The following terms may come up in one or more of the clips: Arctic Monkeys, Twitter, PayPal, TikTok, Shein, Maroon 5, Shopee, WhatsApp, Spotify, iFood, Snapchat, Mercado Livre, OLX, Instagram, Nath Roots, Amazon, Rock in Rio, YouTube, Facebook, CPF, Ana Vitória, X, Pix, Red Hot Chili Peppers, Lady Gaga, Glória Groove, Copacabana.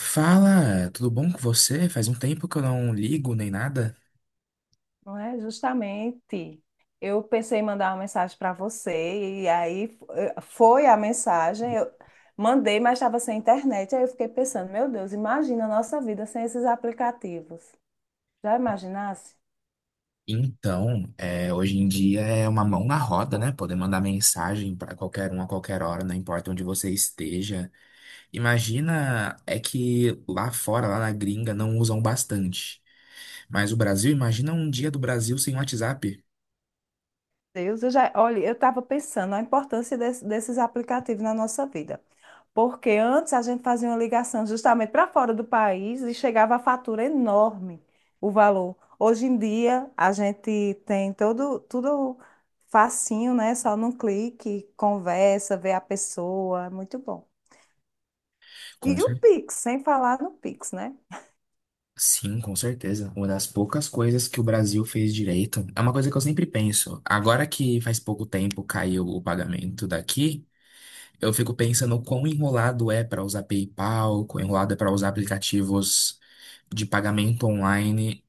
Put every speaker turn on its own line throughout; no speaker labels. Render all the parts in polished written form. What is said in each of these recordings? Fala, tudo bom com você? Faz um tempo que eu não ligo nem nada.
Não é? Justamente. Eu pensei em mandar uma mensagem para você, e aí foi a mensagem. Eu mandei, mas estava sem internet. Aí eu fiquei pensando: meu Deus, imagina a nossa vida sem esses aplicativos. Já imaginasse?
Hoje em dia é uma mão na roda, né? Poder mandar mensagem para qualquer um a qualquer hora, não importa onde você esteja. Imagina, é que lá fora, lá na gringa, não usam bastante. Mas o Brasil, imagina um dia do Brasil sem WhatsApp.
Deus, eu já, olha, eu estava pensando a importância desses aplicativos na nossa vida. Porque antes a gente fazia uma ligação justamente para fora do país e chegava a fatura enorme, o valor. Hoje em dia a gente tem todo, tudo facinho, né? Só num clique, conversa, vê a pessoa, é muito bom.
Com
E o
cer-
Pix, sem falar no Pix, né?
Sim, com certeza. Uma das poucas coisas que o Brasil fez direito. É uma coisa que eu sempre penso. Agora que faz pouco tempo caiu o pagamento daqui. Eu fico pensando quão enrolado é para usar PayPal, quão enrolado é para usar aplicativos de pagamento online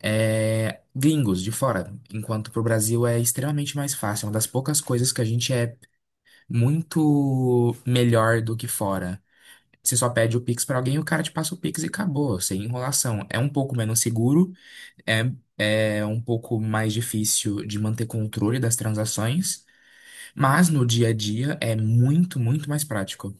gringos de fora, enquanto para o Brasil é extremamente mais fácil. É uma das poucas coisas que a gente é muito melhor do que fora. Você só pede o Pix para alguém, o cara te passa o Pix e acabou, sem enrolação. É um pouco menos seguro, é, é um pouco mais difícil de manter controle das transações, mas no dia a dia é muito, muito mais prático.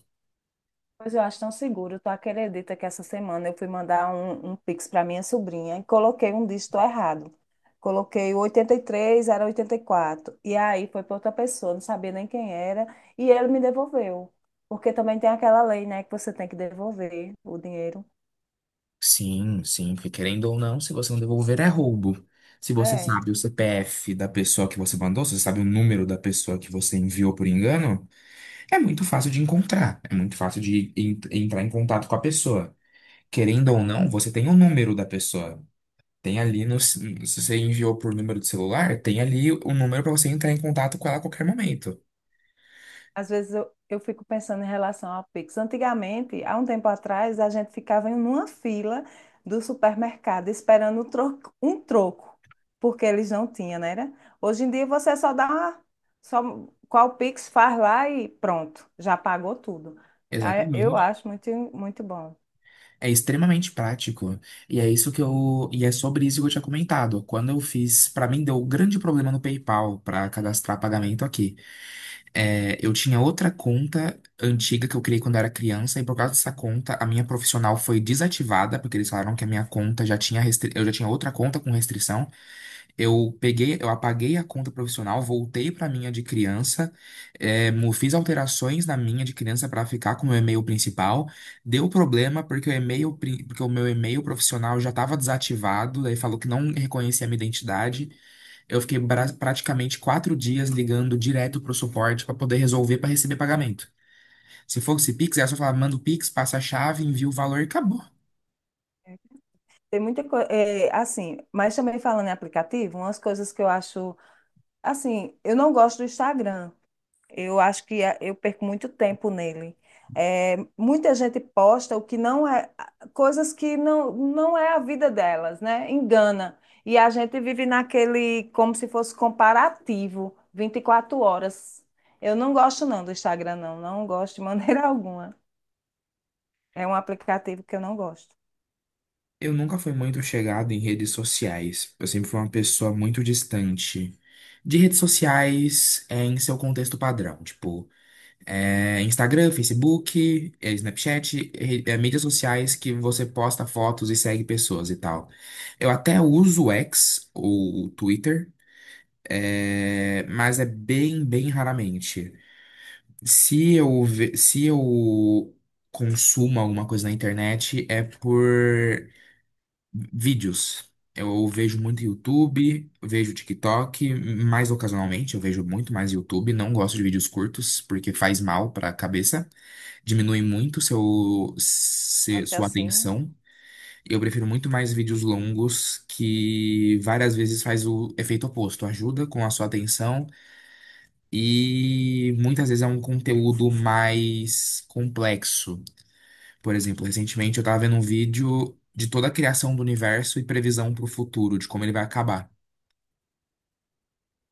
Pois eu acho tão seguro. Tu acredita que essa semana eu fui mandar um Pix para minha sobrinha e coloquei um dígito errado. Coloquei o 83, era 84, e aí foi para outra pessoa, não sabia nem quem era, e ele me devolveu. Porque também tem aquela lei, né, que você tem que devolver o dinheiro.
Sim, sim, porque querendo ou não, se você não devolver é roubo. Se você
É.
sabe o CPF da pessoa que você mandou, se você sabe o número da pessoa que você enviou por engano, é muito fácil de encontrar, é muito fácil de entrar em contato com a pessoa. Querendo ou não,
É.
você tem o número da pessoa. Tem ali no, se você enviou por número de celular, tem ali o número para você entrar em contato com ela a qualquer momento.
Às vezes eu fico pensando em relação ao Pix. Antigamente, há um tempo atrás, a gente ficava em uma fila do supermercado esperando um troco, porque eles não tinham, né? Era? Hoje em dia você só dá uma, só qual Pix faz lá e pronto, já pagou tudo. Ah, eu
Exatamente.
acho muito, muito bom.
É extremamente prático. E é sobre isso que eu tinha comentado. Quando eu fiz. Pra mim, deu um grande problema no PayPal pra cadastrar pagamento aqui. É, eu tinha outra conta antiga que eu criei quando eu era criança, e por causa dessa conta, a minha profissional foi desativada, porque eles falaram que a minha conta já tinha. Eu já tinha outra conta com restrição. Eu peguei, eu apaguei a conta profissional, voltei para a minha de criança, fiz alterações na minha de criança para ficar com o meu e-mail principal. Deu problema porque o porque o meu e-mail profissional já estava desativado, daí falou que não reconhecia a minha identidade. Eu fiquei praticamente quatro dias ligando direto para o suporte para poder resolver para receber pagamento. Se fosse Pix, era só falar, manda o Pix, passa a chave, envia o valor e acabou.
Tem muita coisa, assim, mas também falando em aplicativo, umas coisas que eu acho, assim, eu não gosto do Instagram. Eu acho que eu perco muito tempo nele. É, muita gente posta o que não é, coisas que não, não é a vida delas, né? Engana. E a gente vive naquele, como se fosse comparativo, 24 horas. Eu não gosto não do Instagram, não. Não gosto de maneira alguma. É um aplicativo que eu não gosto.
Eu nunca fui muito chegado em redes sociais. Eu sempre fui uma pessoa muito distante de redes sociais em seu contexto padrão, tipo Instagram, Facebook, Snapchat, mídias sociais que você posta fotos e segue pessoas e tal. Eu até uso o X, ou o Twitter, mas é bem, bem raramente. Se eu consumo alguma coisa na internet, é por vídeos. Eu vejo muito YouTube, vejo TikTok, mais ocasionalmente, eu vejo muito mais YouTube. Não gosto de vídeos curtos, porque faz mal para a cabeça, diminui muito seu, se-
Até
sua
assim.
atenção. Eu prefiro muito mais vídeos longos, que várias vezes faz o efeito oposto, ajuda com a sua atenção e muitas vezes é um conteúdo mais complexo. Por exemplo, recentemente eu tava vendo um vídeo de toda a criação do universo e previsão para o futuro, de como ele vai acabar.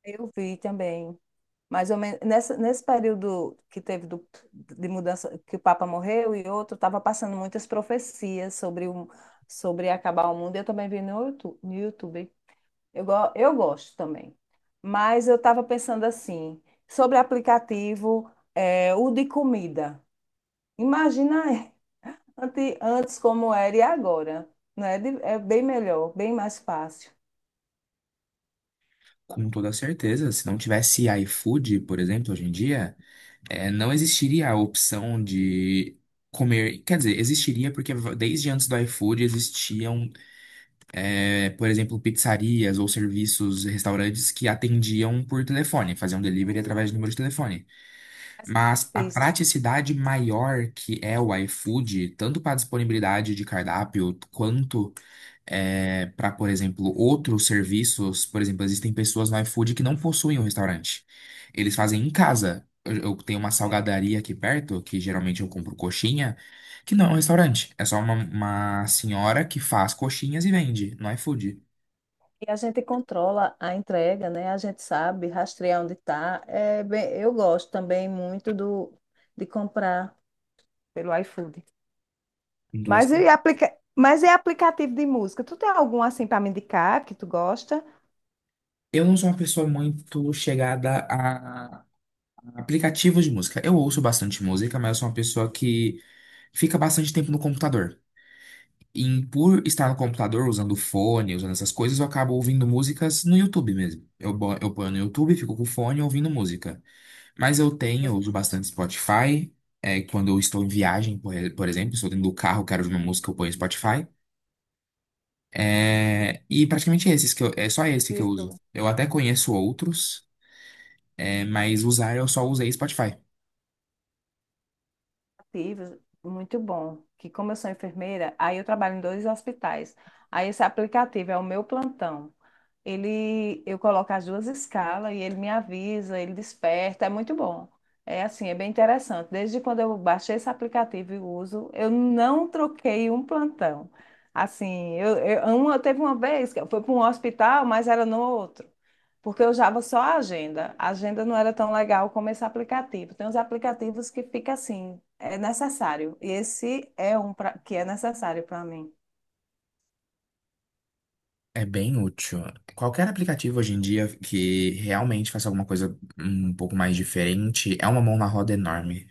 Eu vi também. Mais ou menos, nessa, nesse período que teve do, de mudança, que o Papa morreu e outro, estava passando muitas profecias sobre, o, sobre acabar o mundo. Eu também vi no YouTube. No YouTube. Eu gosto também. Mas eu estava pensando assim, sobre aplicativo, é, o de comida. Imagina antes como era e agora. Não é, é bem melhor, bem mais fácil.
Com toda certeza, se não tivesse iFood, por exemplo, hoje em dia, não existiria a opção de comer. Quer dizer, existiria porque desde antes do iFood existiam, por exemplo, pizzarias ou serviços, restaurantes que atendiam por telefone, faziam delivery através de número de telefone.
Mas é
Mas a
difícil.
praticidade maior que é o iFood, tanto para disponibilidade de cardápio, quanto para, por exemplo, outros serviços. Por exemplo, existem pessoas no iFood que não possuem um restaurante. Eles fazem em casa. Eu tenho uma
É.
salgadaria aqui perto, que geralmente eu compro coxinha, que não é um restaurante. É só uma senhora que faz coxinhas e vende no iFood.
E a gente controla a entrega, né? A gente sabe rastrear onde está. É bem, eu gosto também muito do, de comprar pelo iFood.
Então,
Mas
assim,
e, mas e aplicativo de música? Tu tem algum assim para me indicar que tu gosta?
eu não sou uma pessoa muito chegada aplicativos de música. Eu ouço bastante música, mas eu sou uma pessoa que fica bastante tempo no computador. E por estar no computador, usando fone, usando essas coisas, eu acabo ouvindo músicas no YouTube mesmo. Eu ponho no YouTube, fico com o fone ouvindo música. Mas eu tenho, eu
Você
uso
gosta?
bastante Spotify. É, quando eu estou em viagem, por exemplo, estou dentro do carro, quero ouvir uma música, eu ponho Spotify. É, e praticamente esses que eu, é só esse que eu
Isso.
uso. Eu até conheço outros, mas usar eu só usei Spotify.
Ativos, muito bom. Que como eu sou enfermeira, aí eu trabalho em dois hospitais. Aí esse aplicativo é o meu plantão. Ele, eu coloco as duas escalas e ele me avisa, ele desperta, é muito bom. É assim, é bem interessante. Desde quando eu baixei esse aplicativo e uso, eu não troquei um plantão. Assim, uma, teve uma vez que eu fui para um hospital, mas era no outro. Porque eu usava só a agenda. A agenda não era tão legal como esse aplicativo. Tem uns aplicativos que fica assim, é necessário. E esse é um que é necessário para mim.
É bem útil. Qualquer aplicativo hoje em dia que realmente faça alguma coisa um pouco mais diferente é uma mão na roda enorme.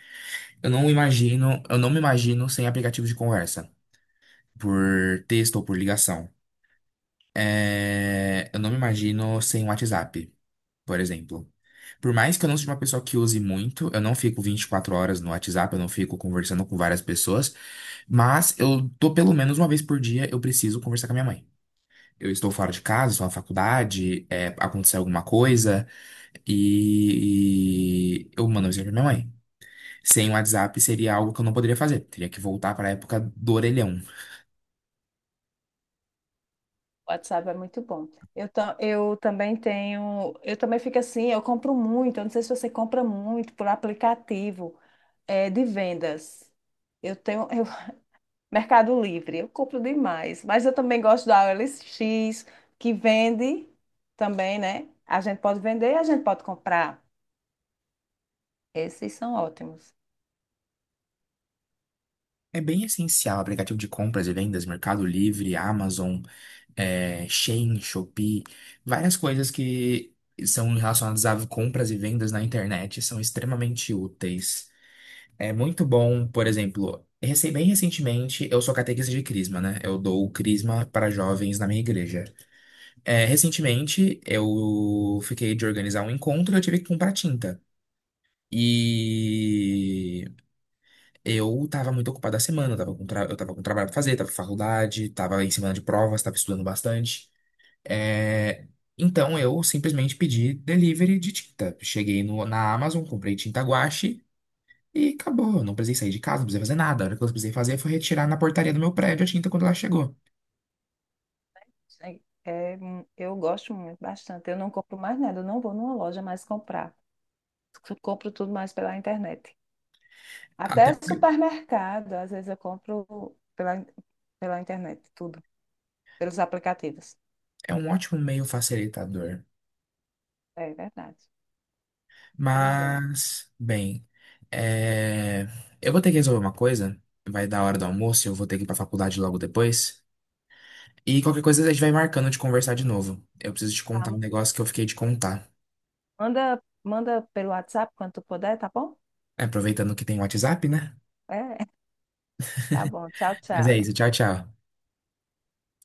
Eu não imagino, eu não me imagino sem aplicativo de conversa, por texto ou por ligação. É, eu não me imagino sem WhatsApp, por exemplo. Por mais que eu não seja uma pessoa que use muito, eu não fico 24 horas no WhatsApp, eu não fico conversando com várias pessoas, mas eu tô pelo menos uma vez por dia, eu preciso conversar com a minha mãe eu estou fora de casa, estou na faculdade, é, aconteceu alguma coisa, e eu mando um mensagem pra minha mãe. Sem o WhatsApp seria algo que eu não poderia fazer, teria que voltar para a época do orelhão.
O WhatsApp é muito bom. Eu também tenho, eu também fico assim, eu compro muito. Eu não sei se você compra muito por aplicativo, é, de vendas. Eu tenho eu- Mercado Livre, eu compro demais. Mas eu também gosto da OLX, que vende também, né? A gente pode vender e a gente pode comprar. Esses são ótimos.
É bem essencial, aplicativo de compras e vendas, Mercado Livre, Amazon, Shein, Shopee, várias coisas que são relacionadas a compras e vendas na internet são extremamente úteis. É muito bom, por exemplo, bem recentemente, eu sou catequista de crisma, né? Eu dou crisma para jovens na minha igreja. É, recentemente, eu fiquei de organizar um encontro e eu tive que comprar tinta. E eu tava muito ocupado a semana, eu tava com trabalho pra fazer, tava com faculdade, tava em semana de provas, tava estudando bastante. É, Então eu simplesmente pedi delivery de tinta. Cheguei na Amazon, comprei tinta guache. E acabou, eu não precisei sair de casa, não precisei fazer nada. A única coisa que eu precisei fazer foi retirar na portaria do meu prédio a tinta quando ela chegou.
É, é, eu gosto muito, bastante. Eu não compro mais nada, eu não vou numa loja mais comprar. Eu compro tudo mais pela internet.
Até
Até
porque
supermercado, às vezes eu compro pela, pela internet, tudo, pelos aplicativos.
é um ótimo meio facilitador.
É verdade. Pois é.
Mas, bem, é, eu vou ter que resolver uma coisa. Vai dar a hora do almoço, eu vou ter que ir pra faculdade logo depois. E qualquer coisa a gente vai marcando de conversar de novo. Eu preciso te contar um
Tá,
negócio que eu fiquei de contar.
manda, manda pelo WhatsApp quando tu puder, tá bom?
Aproveitando que tem WhatsApp, né?
É, tá bom. Tchau,
Mas é
tchau.
isso, tchau, tchau.